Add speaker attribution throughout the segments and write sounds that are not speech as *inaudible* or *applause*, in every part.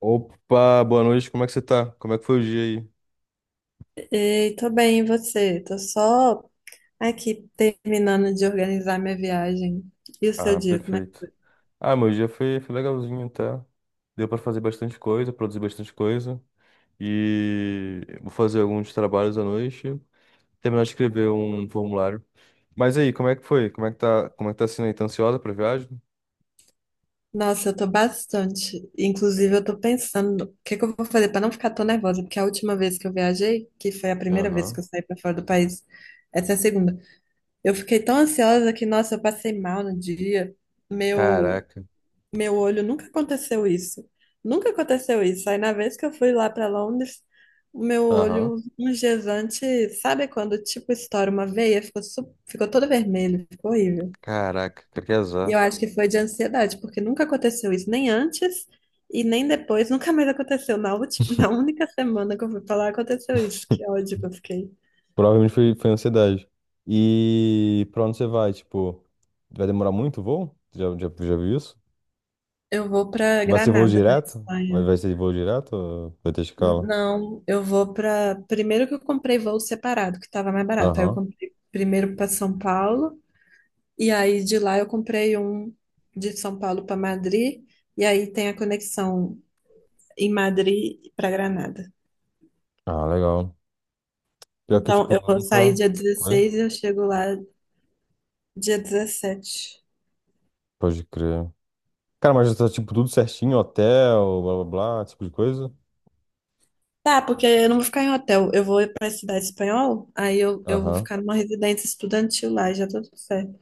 Speaker 1: Opa, boa noite, como é que você tá? Como é que foi o dia aí?
Speaker 2: Ei, tô bem, e você? Tô só aqui terminando de organizar minha viagem. E o seu
Speaker 1: Ah,
Speaker 2: dia, como é que
Speaker 1: perfeito.
Speaker 2: foi?
Speaker 1: Ah, meu dia foi legalzinho até. Deu pra fazer bastante coisa, produzir bastante coisa. E vou fazer alguns trabalhos à noite, terminar de escrever um formulário. Mas aí, como é que foi? Como é que tá sendo aí? Tá ansiosa pra viagem?
Speaker 2: Nossa, eu tô bastante. Inclusive, eu tô pensando o que que eu vou fazer pra não ficar tão nervosa, porque a última vez que eu viajei, que foi a primeira vez que
Speaker 1: Aham.
Speaker 2: eu saí pra fora do país, essa é a segunda. Eu fiquei tão ansiosa que, nossa, eu passei mal no dia. Meu
Speaker 1: Caraca.
Speaker 2: meu olho nunca aconteceu isso. Nunca aconteceu isso. Aí na vez que eu fui lá para Londres, o meu
Speaker 1: Aham.
Speaker 2: olho, uns dias antes, sabe quando tipo estoura uma veia, ficou, ficou todo vermelho, ficou horrível.
Speaker 1: Caraca, cara, que
Speaker 2: E
Speaker 1: azar.
Speaker 2: eu acho que foi de ansiedade, porque nunca aconteceu isso, nem antes e nem depois, nunca mais aconteceu. *laughs* Na única semana que eu fui pra lá, aconteceu isso. Que ódio que eu fiquei.
Speaker 1: Provavelmente foi ansiedade. E pra onde você vai? Tipo, vai demorar muito o voo? Já viu isso?
Speaker 2: Eu vou pra
Speaker 1: Vai ser voo
Speaker 2: Granada, na
Speaker 1: direto? Vai,
Speaker 2: Espanha.
Speaker 1: vai ser voo direto? Ou vai ter escala?
Speaker 2: Não, eu vou para. Primeiro que eu comprei voo separado, que estava mais barato. Aí eu
Speaker 1: Aham.
Speaker 2: comprei primeiro para São Paulo, e aí de lá eu comprei um de São Paulo para Madrid, e aí tem a conexão em Madrid para Granada.
Speaker 1: Ah, legal. Pior que,
Speaker 2: Então
Speaker 1: tipo,
Speaker 2: eu
Speaker 1: eu
Speaker 2: vou sair
Speaker 1: nunca.
Speaker 2: dia
Speaker 1: Oi?
Speaker 2: 16 e eu chego lá dia 17.
Speaker 1: Pode crer. Cara, mas já tá, tipo, tudo certinho, hotel, blá blá blá, esse tipo de coisa?
Speaker 2: Tá, porque eu não vou ficar em hotel, eu vou para a cidade espanhol, aí eu vou
Speaker 1: Aham.
Speaker 2: ficar numa residência estudantil lá, já tô tudo certo.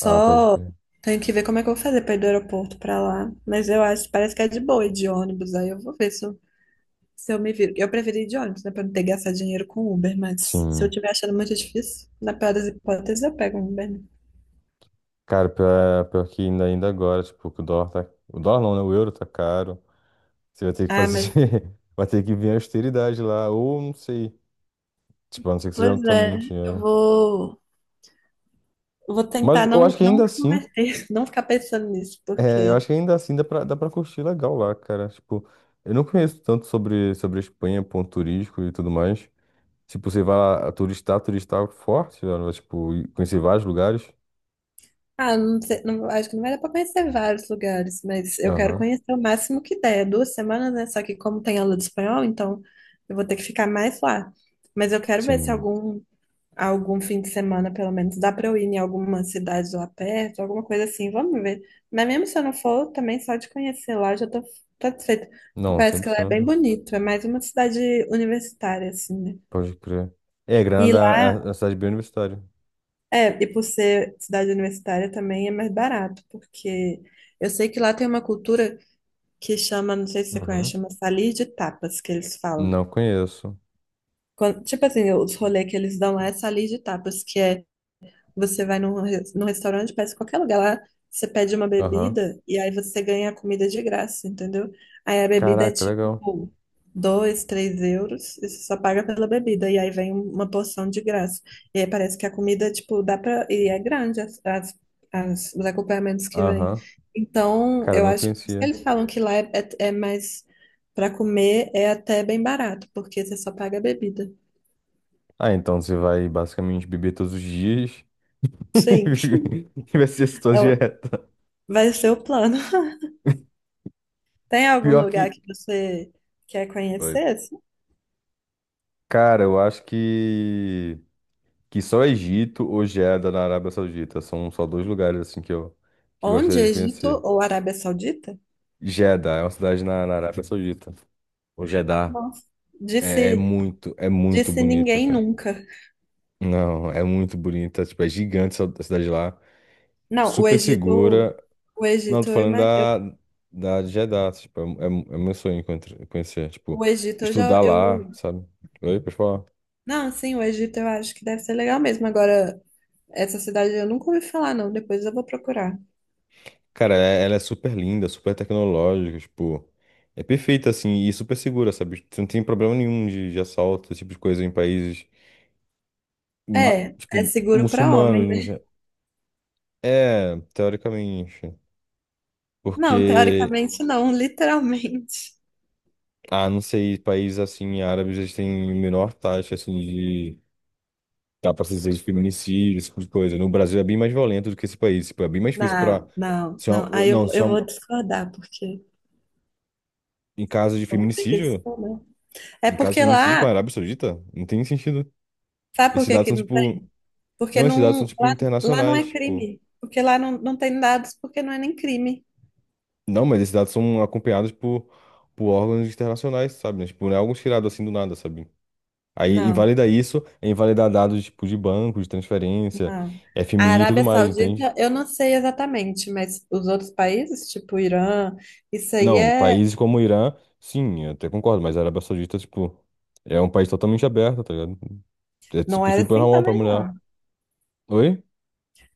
Speaker 1: Ah, pode crer.
Speaker 2: tenho que ver como é que eu vou fazer para ir do aeroporto para lá. Mas eu acho, parece que é de boa ir de ônibus. Aí eu vou ver se eu me viro. Eu preferi ir de ônibus, né? Para não ter que gastar dinheiro com Uber. Mas se eu
Speaker 1: Sim.
Speaker 2: estiver achando muito difícil, na pior das hipóteses, eu pego um Uber. Né?
Speaker 1: Cara, pior que ainda agora, tipo, que o dólar tá. O dólar não, né? O euro tá caro. Você vai ter que
Speaker 2: Ah,
Speaker 1: fazer.
Speaker 2: mas
Speaker 1: *laughs* Vai ter que vir a austeridade lá, ou não sei. Tipo, a não ser que você já
Speaker 2: pois
Speaker 1: não tenha
Speaker 2: é.
Speaker 1: muito
Speaker 2: Eu
Speaker 1: dinheiro.
Speaker 2: vou, eu vou
Speaker 1: Mas
Speaker 2: tentar
Speaker 1: eu
Speaker 2: não,
Speaker 1: acho que
Speaker 2: não
Speaker 1: ainda assim.
Speaker 2: converter, *laughs* não ficar pensando nisso,
Speaker 1: É, eu
Speaker 2: porque.
Speaker 1: acho que ainda assim dá pra curtir legal lá, cara. Tipo, eu não conheço tanto sobre a Espanha, ponto turístico e tudo mais. Tipo, você vai lá turistar, turistar é forte, né? Tipo, e conhecer vários lugares.
Speaker 2: Ah, não sei, não- acho que não vai dar para conhecer vários lugares, mas eu quero
Speaker 1: Aham,
Speaker 2: conhecer o máximo que der. É 2 semanas, né? Só que como tem aula de espanhol, então eu vou ter que ficar mais lá. Mas eu quero ver se
Speaker 1: sim.
Speaker 2: algum fim de semana, pelo menos, dá para eu ir em alguma cidade lá perto, alguma coisa assim. Vamos ver. Mas mesmo se eu não for, também só de conhecer lá eu já tô satisfeita. Porque
Speaker 1: Não, cem
Speaker 2: parece que
Speaker 1: por
Speaker 2: lá é bem
Speaker 1: cento.
Speaker 2: bonito. É mais uma cidade universitária, assim, né?
Speaker 1: Pode crer. É,
Speaker 2: E
Speaker 1: Granada é uma cidade bem universitária.
Speaker 2: e por ser cidade universitária também é mais barato, porque eu sei que lá tem uma cultura que chama, não sei se você conhece,
Speaker 1: Uhum.
Speaker 2: chama salir de tapas, que eles falam.
Speaker 1: Não conheço.
Speaker 2: Tipo assim, os rolês que eles dão lá é salir de tapas, que é você vai num restaurante, parece qualquer lugar lá, você pede uma
Speaker 1: Aham.
Speaker 2: bebida e aí você ganha a comida de graça, entendeu? Aí a bebida é
Speaker 1: Caraca,
Speaker 2: tipo
Speaker 1: legal.
Speaker 2: 2, 3 euros, e você só paga pela bebida, e aí vem uma porção de graça. E aí parece que a comida, tipo, dá pra. E é grande os acompanhamentos que vem.
Speaker 1: Aham.
Speaker 2: Então,
Speaker 1: Cara, eu
Speaker 2: eu
Speaker 1: não
Speaker 2: acho. Por isso que
Speaker 1: conhecia.
Speaker 2: eles falam que lá é mais. Pra comer é até bem barato, porque você só paga a bebida.
Speaker 1: Ah, então você vai basicamente beber todos os dias
Speaker 2: Sim,
Speaker 1: *laughs* e vai ser sua
Speaker 2: é o-
Speaker 1: dieta.
Speaker 2: vai ser o plano. Tem algum
Speaker 1: Pior
Speaker 2: lugar
Speaker 1: que.
Speaker 2: que você quer
Speaker 1: Oi.
Speaker 2: conhecer? Assim?
Speaker 1: Cara, eu acho que só Egito ou Jeddah na Arábia Saudita. São só dois lugares assim que
Speaker 2: Onde?
Speaker 1: gostaria de
Speaker 2: Egito
Speaker 1: conhecer.
Speaker 2: ou Arábia Saudita?
Speaker 1: Jeddah é uma cidade na Arábia Saudita. O Jeddah
Speaker 2: Nossa.
Speaker 1: é, é
Speaker 2: Disse,
Speaker 1: muito, é muito
Speaker 2: disse
Speaker 1: bonita,
Speaker 2: ninguém
Speaker 1: cara.
Speaker 2: nunca.
Speaker 1: Não, é muito bonita. Tipo, é gigante essa cidade lá.
Speaker 2: Não, o
Speaker 1: Super
Speaker 2: Egito,
Speaker 1: segura.
Speaker 2: o
Speaker 1: Não,
Speaker 2: Egito,
Speaker 1: tô falando da, da de Jeddah. Tipo, é meu sonho conhecer. Conhecer, tipo,
Speaker 2: o Egito
Speaker 1: estudar lá, sabe? Oi, pessoal.
Speaker 2: não, sim, o Egito eu acho que deve ser legal mesmo. Agora, essa cidade eu nunca ouvi falar, não. Depois eu vou procurar.
Speaker 1: Cara, ela é super linda, super tecnológica, tipo, é perfeita assim e super segura, sabe? Você não tem problema nenhum de assalto, esse tipo de coisa em países,
Speaker 2: É, é
Speaker 1: tipo,
Speaker 2: seguro para
Speaker 1: muçulmanos.
Speaker 2: homem,
Speaker 1: No
Speaker 2: né?
Speaker 1: ge- É, teoricamente.
Speaker 2: Não,
Speaker 1: Porque,
Speaker 2: teoricamente não, *laughs* literalmente.
Speaker 1: ah, não sei, países assim, árabes, eles têm menor taxa assim de, dá pra se dizer, de feminicídio, esse tipo de coisa. No Brasil é bem mais violento do que esse país, tipo, é bem mais difícil pra.
Speaker 2: Não, não,
Speaker 1: Se
Speaker 2: não.
Speaker 1: uma,
Speaker 2: Aí eu,
Speaker 1: não, se
Speaker 2: eu vou discordar, porque
Speaker 1: em caso de
Speaker 2: eu vou ter que
Speaker 1: feminicídio,
Speaker 2: discordar. É
Speaker 1: em caso de
Speaker 2: porque
Speaker 1: feminicídio com a
Speaker 2: lá,
Speaker 1: Arábia Saudita, não tem sentido.
Speaker 2: sabe por
Speaker 1: Esses
Speaker 2: que
Speaker 1: dados
Speaker 2: que
Speaker 1: são,
Speaker 2: não
Speaker 1: tipo.
Speaker 2: tem? Porque
Speaker 1: Não, esses dados são,
Speaker 2: não,
Speaker 1: tipo,
Speaker 2: lá não
Speaker 1: internacionais,
Speaker 2: é
Speaker 1: tipo.
Speaker 2: crime. Porque lá não tem dados, porque não é nem crime.
Speaker 1: Não, mas esses dados são acompanhados por órgãos internacionais, sabe? Né? Tipo, não é algo tirado assim do nada, sabe? Aí
Speaker 2: Não,
Speaker 1: invalida isso, é invalidar dados, tipo, de banco, de transferência,
Speaker 2: não. A
Speaker 1: FMI e tudo
Speaker 2: Arábia
Speaker 1: mais,
Speaker 2: Saudita,
Speaker 1: entende?
Speaker 2: eu não sei exatamente, mas os outros países, tipo Irã, isso aí
Speaker 1: Não,
Speaker 2: é,
Speaker 1: países como o Irã, sim, eu até concordo, mas a Arábia Saudita, tipo, é um país totalmente aberto, tá ligado? É,
Speaker 2: não
Speaker 1: tipo,
Speaker 2: é
Speaker 1: super
Speaker 2: assim
Speaker 1: normal pra
Speaker 2: também
Speaker 1: mulher.
Speaker 2: não.
Speaker 1: Oi?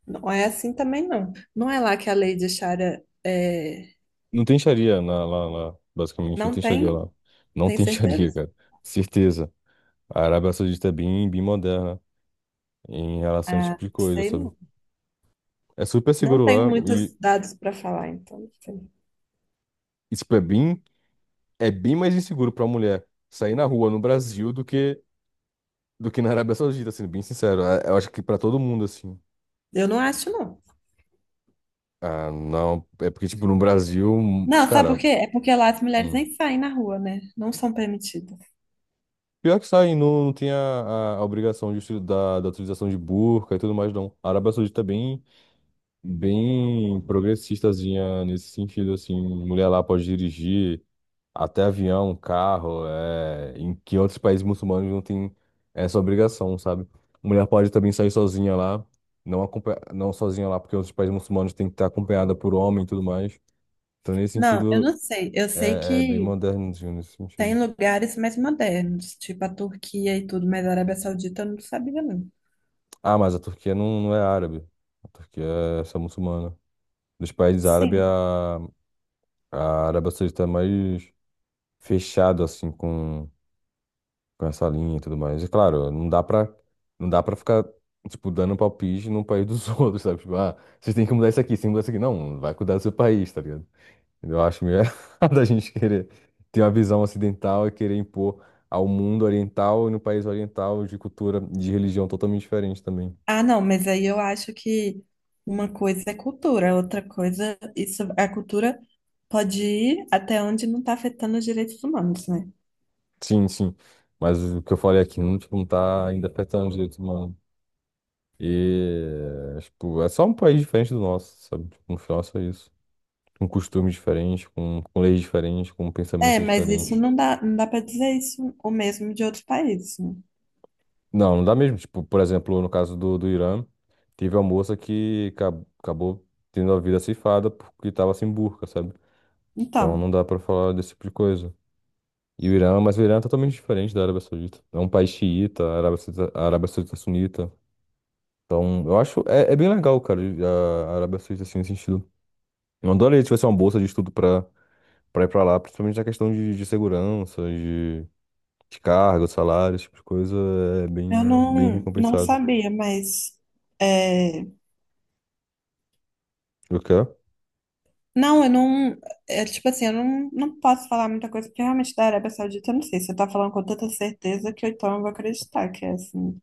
Speaker 2: Não é assim também não. Não é lá que a lei de Sharia é,
Speaker 1: Não tem xaria lá, basicamente, não
Speaker 2: não
Speaker 1: tem xaria
Speaker 2: tem,
Speaker 1: lá. Não
Speaker 2: tem
Speaker 1: tem *laughs* xaria,
Speaker 2: certeza?
Speaker 1: cara. Certeza. A Arábia Saudita é bem moderna em relação a esse
Speaker 2: Ah,
Speaker 1: tipo de coisa,
Speaker 2: sei
Speaker 1: sabe?
Speaker 2: não.
Speaker 1: É super
Speaker 2: Não
Speaker 1: seguro
Speaker 2: tenho
Speaker 1: lá
Speaker 2: muitos
Speaker 1: e
Speaker 2: dados para falar, então. Não sei.
Speaker 1: isso é bem mais inseguro pra mulher sair na rua no Brasil do que na Arábia Saudita, sendo bem sincero. Eu acho que pra todo mundo assim.
Speaker 2: Eu não acho não.
Speaker 1: Ah, não, é porque tipo no Brasil,
Speaker 2: Não, sabe por
Speaker 1: cara,
Speaker 2: quê? É porque lá as mulheres
Speaker 1: hum.
Speaker 2: nem saem na rua, né? Não são permitidas.
Speaker 1: Pior que sair não, não tem a obrigação da utilização de burca e tudo mais, não. A Arábia Saudita é bem progressistazinha nesse sentido, assim. Mulher lá pode dirigir. Até avião, carro, é, em que outros países muçulmanos não tem essa obrigação, sabe? Mulher pode também sair sozinha lá, não, não sozinha lá, porque outros países muçulmanos tem que estar acompanhada por homem e tudo mais. Então, nesse
Speaker 2: Não, eu
Speaker 1: sentido,
Speaker 2: não sei. Eu sei
Speaker 1: é bem
Speaker 2: que
Speaker 1: moderno assim, nesse
Speaker 2: tem
Speaker 1: sentido.
Speaker 2: lugares mais modernos, tipo a Turquia e tudo, mas a Arábia Saudita eu não sabia, não.
Speaker 1: Ah, mas a Turquia não, não é árabe. A Turquia é só muçulmana. Dos países árabes,
Speaker 2: Sim.
Speaker 1: a Arábia Saudita é mais fechado, assim, com essa linha e tudo mais. É claro, não dá pra ficar, tipo, dando palpite num país dos *laughs* outros, sabe? Tipo, ah, vocês têm que mudar isso aqui, vocês têm que mudar isso aqui. Não, vai cuidar do seu país, tá ligado? Eu acho meio *laughs* errado a gente querer ter uma visão ocidental e querer impor ao mundo oriental e no país oriental de cultura, de religião totalmente diferente também.
Speaker 2: Ah, não, mas aí eu acho que uma coisa é cultura, outra coisa, isso, a cultura pode ir até onde não está afetando os direitos humanos, né?
Speaker 1: Sim, sim. Mas o que eu falei aqui não, tipo, não tá ainda afetando os direitos humanos. E, tipo, é só um país diferente do nosso, sabe? Tipo, no final é só isso. Com costumes diferentes, com leis diferentes, com
Speaker 2: É,
Speaker 1: pensamentos
Speaker 2: mas isso
Speaker 1: diferentes.
Speaker 2: não dá para dizer isso o mesmo de outros países, né?
Speaker 1: Não, não dá mesmo. Tipo, por exemplo, no caso do Irã, teve uma moça que acabou tendo a vida ceifada porque estava sem burca, sabe? Então não
Speaker 2: Então.
Speaker 1: dá pra falar desse tipo de coisa. Mas o Irã é totalmente diferente da Arábia Saudita. É um país xiita, a Arábia Saudita é sunita. Então, eu acho, é bem legal, cara, a Arábia Saudita, assim, nesse sentido. Eu adoraria se tivesse uma bolsa de estudo pra ir pra lá, principalmente na questão de segurança, de cargo, salário, esse tipo de coisa é
Speaker 2: Eu
Speaker 1: bem
Speaker 2: não, não
Speaker 1: recompensado.
Speaker 2: sabia, mas. É,
Speaker 1: O quê?
Speaker 2: não, eu não. É, tipo assim, eu não posso falar muita coisa, porque realmente da Arábia Saudita eu não sei. Você tá falando com tanta certeza que eu, então eu vou acreditar que é assim.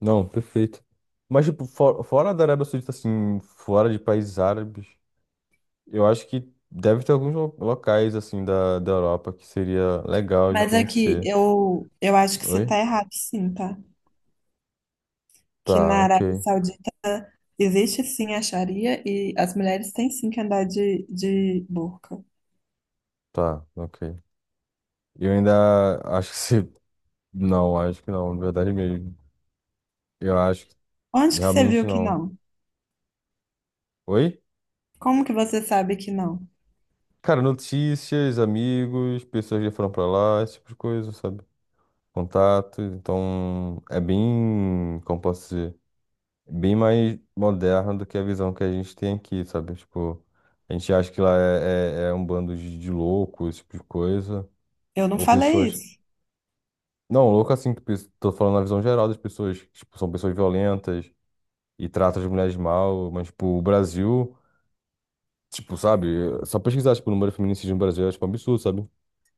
Speaker 1: Não, perfeito. Mas, tipo, fora da Arábia Saudita, assim, fora de países árabes, eu acho que deve ter alguns locais, assim, da Europa que seria legal de
Speaker 2: Mas é que
Speaker 1: conhecer.
Speaker 2: eu acho que você
Speaker 1: Oi?
Speaker 2: tá errado, sim, tá? Que
Speaker 1: Tá,
Speaker 2: na
Speaker 1: ok.
Speaker 2: Arábia Saudita existe sim a Sharia e as mulheres têm sim que andar de burca.
Speaker 1: Tá, ok. Eu ainda acho que se. *laughs* Não, acho que não, na verdade mesmo. Eu acho que
Speaker 2: Onde que você
Speaker 1: realmente
Speaker 2: viu que
Speaker 1: não.
Speaker 2: não?
Speaker 1: Oi?
Speaker 2: Como que você sabe que não?
Speaker 1: Cara, notícias, amigos, pessoas que foram pra lá, esse tipo de coisa, sabe, contato, então é bem, como posso dizer, bem mais moderna do que a visão que a gente tem aqui, sabe? Tipo, a gente acha que lá é um bando de loucos, esse tipo de coisa,
Speaker 2: Eu não
Speaker 1: ou
Speaker 2: falei
Speaker 1: pessoas.
Speaker 2: isso.
Speaker 1: Não, louco assim, que tô falando na visão geral das pessoas, que, tipo, são pessoas violentas e tratam as mulheres mal, mas, tipo, o Brasil, tipo, sabe? Só pesquisar, tipo, o número de feminicídios no Brasil é, tipo, um absurdo, sabe?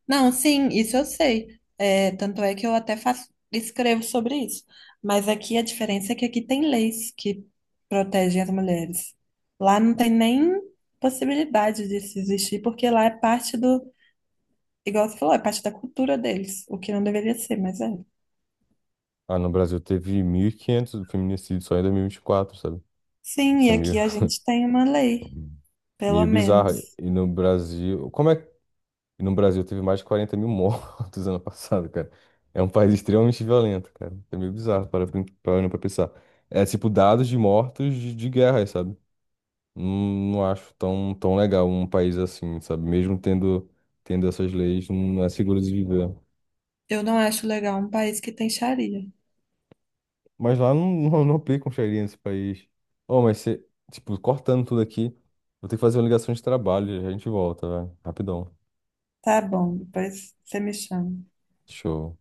Speaker 2: Não, sim, isso eu sei. É, tanto é que eu até faço, escrevo sobre isso. Mas aqui a diferença é que aqui tem leis que protegem as mulheres. Lá não tem nem possibilidade disso existir, porque lá é parte do, igual você falou, é parte da cultura deles, o que não deveria ser, mas é.
Speaker 1: Ah, no Brasil teve 1.500 feminicídios só em 2024, sabe?
Speaker 2: Sim,
Speaker 1: Isso
Speaker 2: e
Speaker 1: é
Speaker 2: aqui
Speaker 1: meio
Speaker 2: a gente tem uma lei, pelo
Speaker 1: Meio bizarro.
Speaker 2: menos.
Speaker 1: E no Brasil. Como é que. E no Brasil teve mais de 40 mil mortos *laughs* ano passado, cara. É um país extremamente violento, cara. É meio bizarro parando pra pensar. É tipo dados de mortos de guerra, sabe? Não, não acho tão, tão legal um país assim, sabe? Mesmo tendo essas leis, não é seguro de viver.
Speaker 2: Eu não acho legal um país que tem xaria.
Speaker 1: Mas lá não, *laughs* não, não aplicam xaria nesse país. Oh, mas você. Tipo, cortando tudo aqui, vou ter que fazer uma ligação de trabalho, já a gente volta, velho. Rapidão.
Speaker 2: Tá bom, depois você me chama.
Speaker 1: Show.